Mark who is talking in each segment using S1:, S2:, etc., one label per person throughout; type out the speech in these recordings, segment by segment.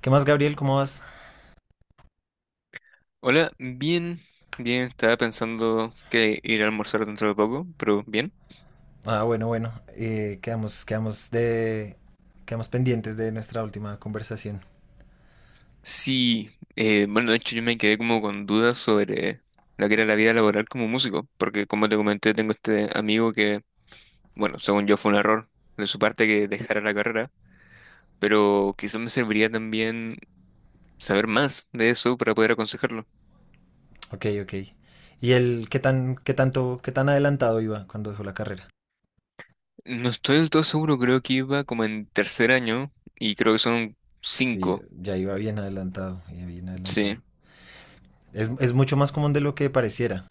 S1: ¿Qué más, Gabriel? ¿Cómo vas?
S2: Hola, bien, bien, estaba pensando que ir a almorzar dentro de poco, pero bien.
S1: Ah, bueno, bueno. Quedamos pendientes de nuestra última conversación.
S2: Sí, bueno, de hecho yo me quedé como con dudas sobre la que era la vida laboral como músico, porque como te comenté, tengo este amigo que, bueno, según yo fue un error de su parte que dejara la carrera, pero quizás me serviría también saber más de eso para poder aconsejarlo.
S1: Ok, ok. ¿Y él qué tan, qué tanto, qué tan adelantado iba cuando dejó la carrera?
S2: No estoy del todo seguro, creo que iba como en tercer año y creo que son
S1: Sí,
S2: cinco,
S1: ya iba bien adelantado, ya bien adelantado.
S2: sí.
S1: Es mucho más común de lo que pareciera,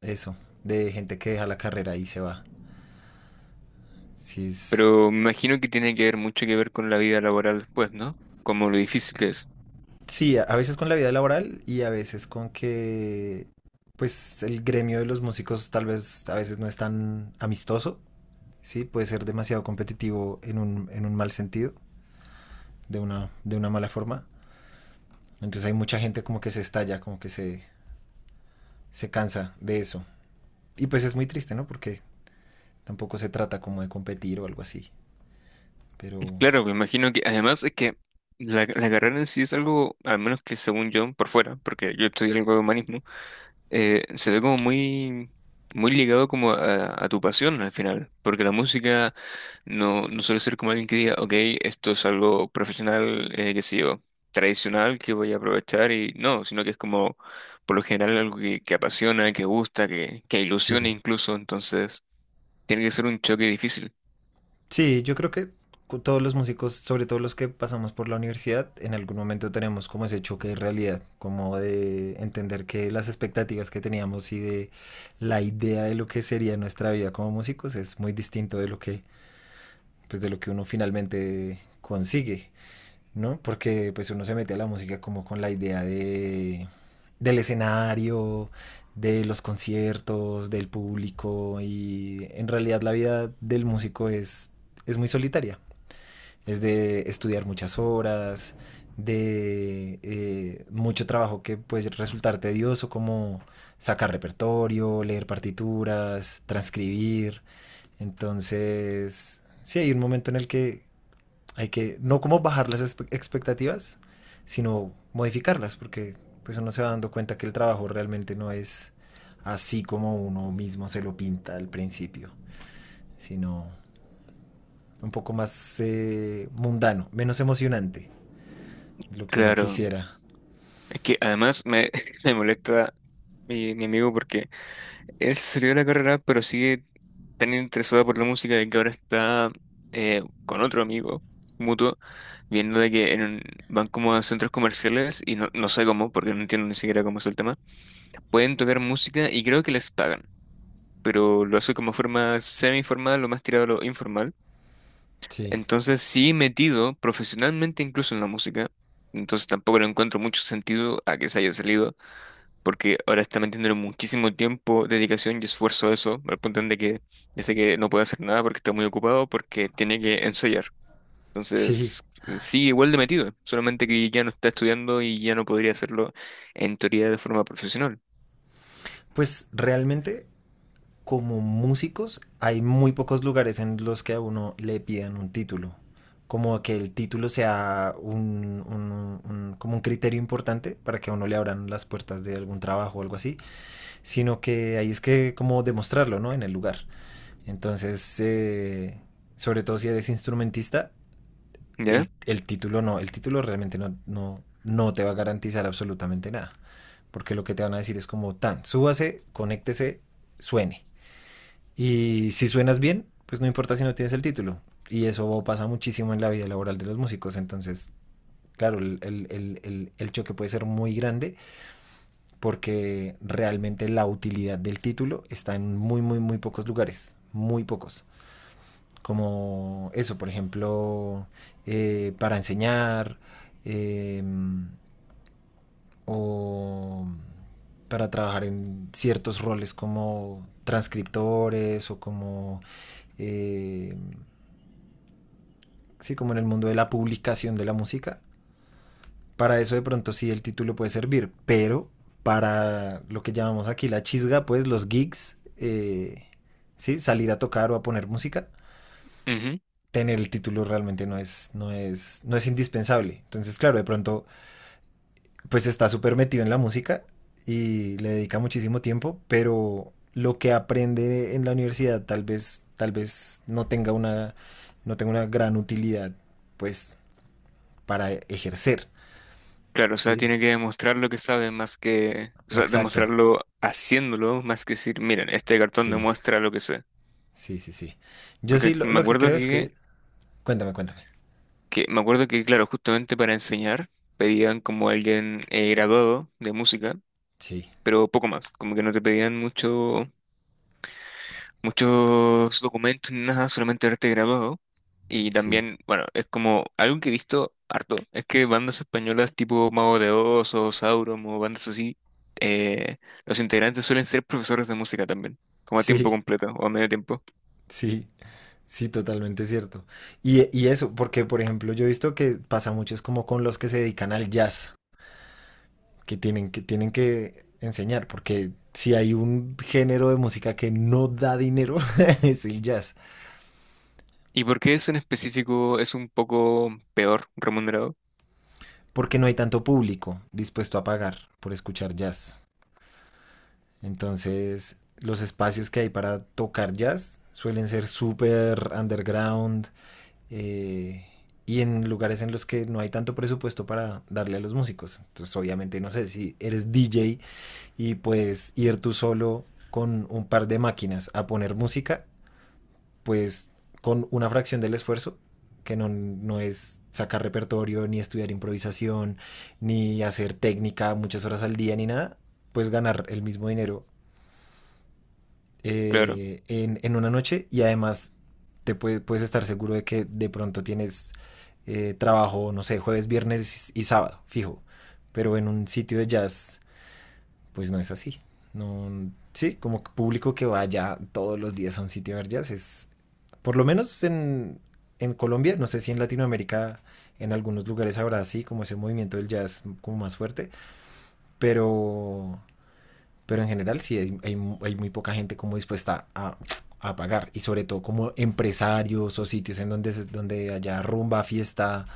S1: eso, de gente que deja la carrera y se va. Sí, es,
S2: Pero me imagino que tiene que ver mucho que ver con la vida laboral después, ¿no? Como lo difícil que es.
S1: sí, a veces con la vida laboral y a veces con que, pues, el gremio de los músicos tal vez a veces no es tan amistoso. Sí, puede ser demasiado competitivo en un mal sentido, de una mala forma. Entonces hay mucha gente como que se estalla, como que se cansa de eso. Y pues es muy triste, ¿no? Porque tampoco se trata como de competir o algo así. Pero
S2: Claro, me imagino que además es que la carrera en sí es algo, al menos que según yo, por fuera, porque yo estudié algo de humanismo. Se ve como muy, muy ligado como a tu pasión al final, porque la música no, no suele ser como alguien que diga, ok, esto es algo profesional, qué sé yo, tradicional que voy a aprovechar y no, sino que es como por lo general algo que apasiona, que gusta, que ilusiona
S1: sí,
S2: incluso, entonces tiene que ser un choque difícil.
S1: sí, yo creo que todos los músicos, sobre todo los que pasamos por la universidad, en algún momento tenemos como ese choque de realidad, como de entender que las expectativas que teníamos y de la idea de lo que sería nuestra vida como músicos es muy distinto de lo que, pues de lo que uno finalmente consigue, ¿no? Porque pues uno se mete a la música como con la idea de del escenario, de los conciertos, del público, y en realidad la vida del músico es muy solitaria, es de estudiar muchas horas, de mucho trabajo que puede resultar tedioso, como sacar repertorio, leer partituras, transcribir. Entonces, sí, hay un momento en el que hay que no como bajar las expectativas, sino modificarlas, porque pues uno se va dando cuenta que el trabajo realmente no es así como uno mismo se lo pinta al principio, sino un poco más mundano, menos emocionante, lo que uno
S2: Claro,
S1: quisiera.
S2: es que me molesta mi amigo porque... Él se salió de la carrera, pero sigue tan interesado por la música de que ahora está con otro amigo mutuo, viendo de que van como a centros comerciales y no, no sé cómo, porque no entiendo ni siquiera cómo es el tema, pueden tocar música y creo que les pagan, pero lo hace como forma semi-formal, lo más tirado a lo informal.
S1: Sí.
S2: Entonces sí metido profesionalmente incluso en la música, entonces tampoco le encuentro mucho sentido a que se haya salido porque ahora está metiéndole muchísimo tiempo, dedicación y esfuerzo a eso, al punto en de que ya sé que no puede hacer nada porque está muy ocupado, porque tiene que ensayar.
S1: Sí,
S2: Entonces, sigue igual de metido, solamente que ya no está estudiando y ya no podría hacerlo en teoría de forma profesional,
S1: pues realmente como músicos hay muy pocos lugares en los que a uno le pidan un título. Como que el título sea como un criterio importante para que a uno le abran las puertas de algún trabajo o algo así, sino que ahí es que como demostrarlo, ¿no? En el lugar. Entonces, sobre todo si eres instrumentista,
S2: ¿ya?
S1: el título no, el título realmente no, no, no te va a garantizar absolutamente nada, porque lo que te van a decir es como tan, súbase, conéctese, suene y si suenas bien, pues no importa si no tienes el título. Y eso pasa muchísimo en la vida laboral de los músicos. Entonces, claro, el choque puede ser muy grande porque realmente la utilidad del título está en muy, muy, muy pocos lugares. Muy pocos. Como eso, por ejemplo, para enseñar, eh, o para trabajar en ciertos roles como transcriptores o como eh, sí, como en el mundo de la publicación de la música. Para eso de pronto sí el título puede servir, pero para lo que llamamos aquí la chisga, pues los gigs, sí, salir a tocar o a poner música,
S2: Ujú.
S1: tener el título realmente no es, no es, no es indispensable. Entonces, claro, de pronto, pues está súper metido en la música y le dedica muchísimo tiempo, pero lo que aprende en la universidad tal vez no tenga una, no tenga una gran utilidad, pues, para ejercer.
S2: Claro, o sea,
S1: Sí.
S2: tiene que demostrar lo que sabe más que, o sea,
S1: Exacto.
S2: demostrarlo haciéndolo más que decir, miren, este cartón
S1: Sí,
S2: demuestra lo que sé.
S1: sí, sí, sí. Yo sí,
S2: Porque me
S1: lo que
S2: acuerdo
S1: creo es que... Cuéntame, cuéntame.
S2: que me acuerdo que, claro, justamente para enseñar pedían como alguien graduado de música,
S1: Sí,
S2: pero poco más, como que no te pedían mucho, muchos documentos ni nada, solamente haberte graduado. Y
S1: sí,
S2: también, bueno, es como algo que he visto harto, es que bandas españolas tipo Mago de Oz o Sauron o bandas así, eh, los integrantes suelen ser profesores de música también, como a tiempo
S1: sí,
S2: completo o a medio tiempo.
S1: sí, sí, totalmente cierto. Y eso, porque por ejemplo yo he visto que pasa mucho es como con los que se dedican al jazz, que tienen que, tienen que enseñar, porque si hay un género de música que no da dinero, es el jazz,
S2: ¿Y por qué eso en específico es un poco peor remunerado?
S1: porque no hay tanto público dispuesto a pagar por escuchar jazz. Entonces, los espacios que hay para tocar jazz suelen ser súper underground, eh, y en lugares en los que no hay tanto presupuesto para darle a los músicos. Entonces, obviamente, no sé si eres DJ y puedes ir tú solo con un par de máquinas a poner música, pues con una fracción del esfuerzo, que no, no es sacar repertorio, ni estudiar improvisación, ni hacer técnica muchas horas al día, ni nada, pues ganar el mismo dinero
S2: Claro.
S1: en una noche. Y además puedes estar seguro de que de pronto tienes trabajo, no sé, jueves, viernes y sábado, fijo. Pero en un sitio de jazz, pues no es así. No, sí, como público que vaya todos los días a un sitio de jazz es, por lo menos en Colombia, no sé si en Latinoamérica, en algunos lugares habrá así, como ese movimiento del jazz como más fuerte, pero, pero en general sí hay muy poca gente como dispuesta a pagar. Y sobre todo como empresarios o sitios en donde, donde haya rumba, fiesta,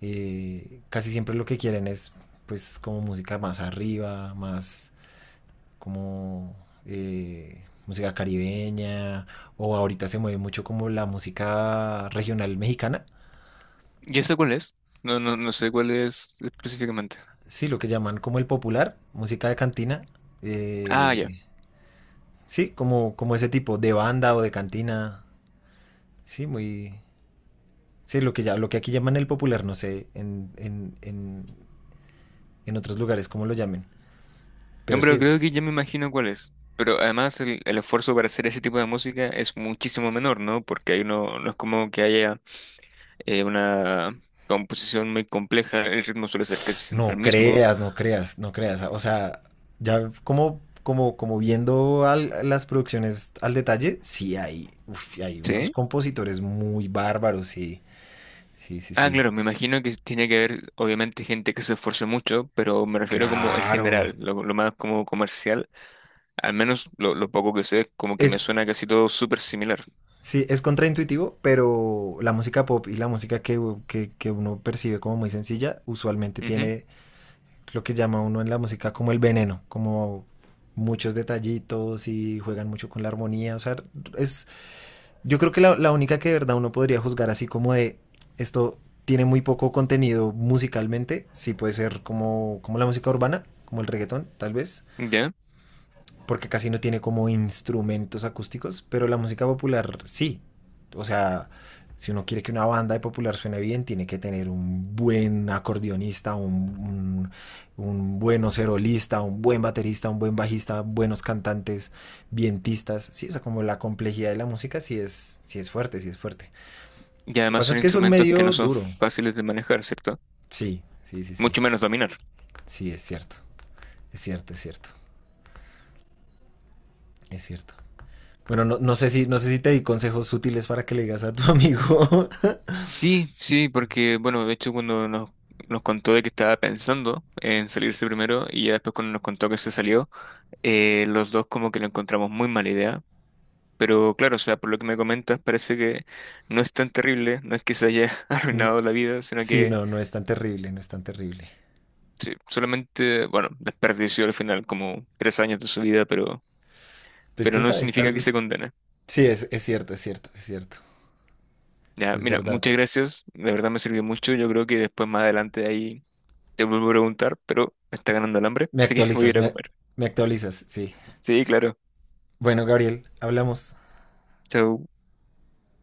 S1: casi siempre lo que quieren es pues como música más arriba, más como música caribeña, o ahorita se mueve mucho como la música regional mexicana,
S2: ¿Y ese cuál es? No, no, no sé cuál es específicamente.
S1: sí, lo que llaman como el popular, música de cantina,
S2: Ah, ya.
S1: eh, sí, como, como ese tipo de banda o de cantina, sí, muy, sí, lo que, ya, lo que aquí llaman el popular, no sé en otros lugares cómo lo llamen,
S2: No,
S1: pero sí
S2: pero creo que
S1: es...
S2: ya me imagino cuál es. Pero además el esfuerzo para hacer ese tipo de música es muchísimo menor, ¿no? Porque ahí no, no es como que haya una composición muy compleja, el ritmo suele ser casi siempre
S1: No
S2: el mismo.
S1: creas, no creas, no creas. O sea, ya como, como, como viendo las producciones al detalle, sí hay, uf, hay unos
S2: ¿Sí?
S1: compositores muy bárbaros, sí, sí, sí,
S2: Ah,
S1: sí.
S2: claro, me imagino que tiene que haber, obviamente, gente que se esfuerce mucho, pero me refiero como el
S1: Claro.
S2: general, lo más como comercial, al menos lo poco que sé, como que me
S1: Es,
S2: suena casi todo súper similar.
S1: sí, es contraintuitivo, pero la música pop y la música que uno percibe como muy sencilla, usualmente
S2: Ujú.
S1: tiene lo que llama uno en la música como el veneno, como muchos detallitos y juegan mucho con la armonía. O sea, es, yo creo que la única que de verdad uno podría juzgar así como de esto tiene muy poco contenido musicalmente, sí puede ser como, como la música urbana, como el reggaetón, tal vez
S2: ¿Ya?
S1: porque casi no tiene como instrumentos acústicos, pero la música popular sí. O sea, si uno quiere que una banda de popular suene bien, tiene que tener un buen acordeonista, un buen oserolista, un buen baterista, un buen bajista, buenos cantantes, vientistas. Sí, o sea, como la complejidad de la música sí es fuerte, sí es fuerte.
S2: Y
S1: Lo que
S2: además
S1: pasa es
S2: son
S1: que es un
S2: instrumentos que
S1: medio
S2: no son
S1: duro.
S2: fáciles de manejar, ¿cierto?
S1: Sí, sí, sí,
S2: Mucho
S1: sí.
S2: menos dominar.
S1: Sí, es cierto. Es cierto, es cierto. Es cierto. Bueno, no, no sé si, no sé si te di consejos útiles para que le digas a tu amigo.
S2: Sí, sí, porque, bueno, de hecho nos contó de que estaba pensando en salirse primero y ya después cuando nos contó que se salió, los dos como que lo encontramos muy mala idea. Pero claro, o sea, por lo que me comentas, parece que no es tan terrible, no es que se haya
S1: No,
S2: arruinado la vida, sino
S1: sí,
S2: que
S1: no, no es tan terrible, no es tan terrible.
S2: sí, solamente, bueno, desperdició al final como 3 años de su vida,
S1: Pues
S2: pero
S1: quién
S2: no
S1: sabe, tal
S2: significa que
S1: vez.
S2: se condene.
S1: Sí, es cierto, es cierto, es cierto.
S2: Ya,
S1: Es
S2: mira,
S1: verdad.
S2: muchas gracias. De verdad me sirvió mucho. Yo creo que después más adelante ahí te vuelvo a preguntar, pero me está ganando el hambre,
S1: Me
S2: así que voy a
S1: actualizas,
S2: ir a
S1: me,
S2: comer.
S1: me actualizas, sí.
S2: Sí, claro.
S1: Bueno, Gabriel, hablamos.
S2: Chau.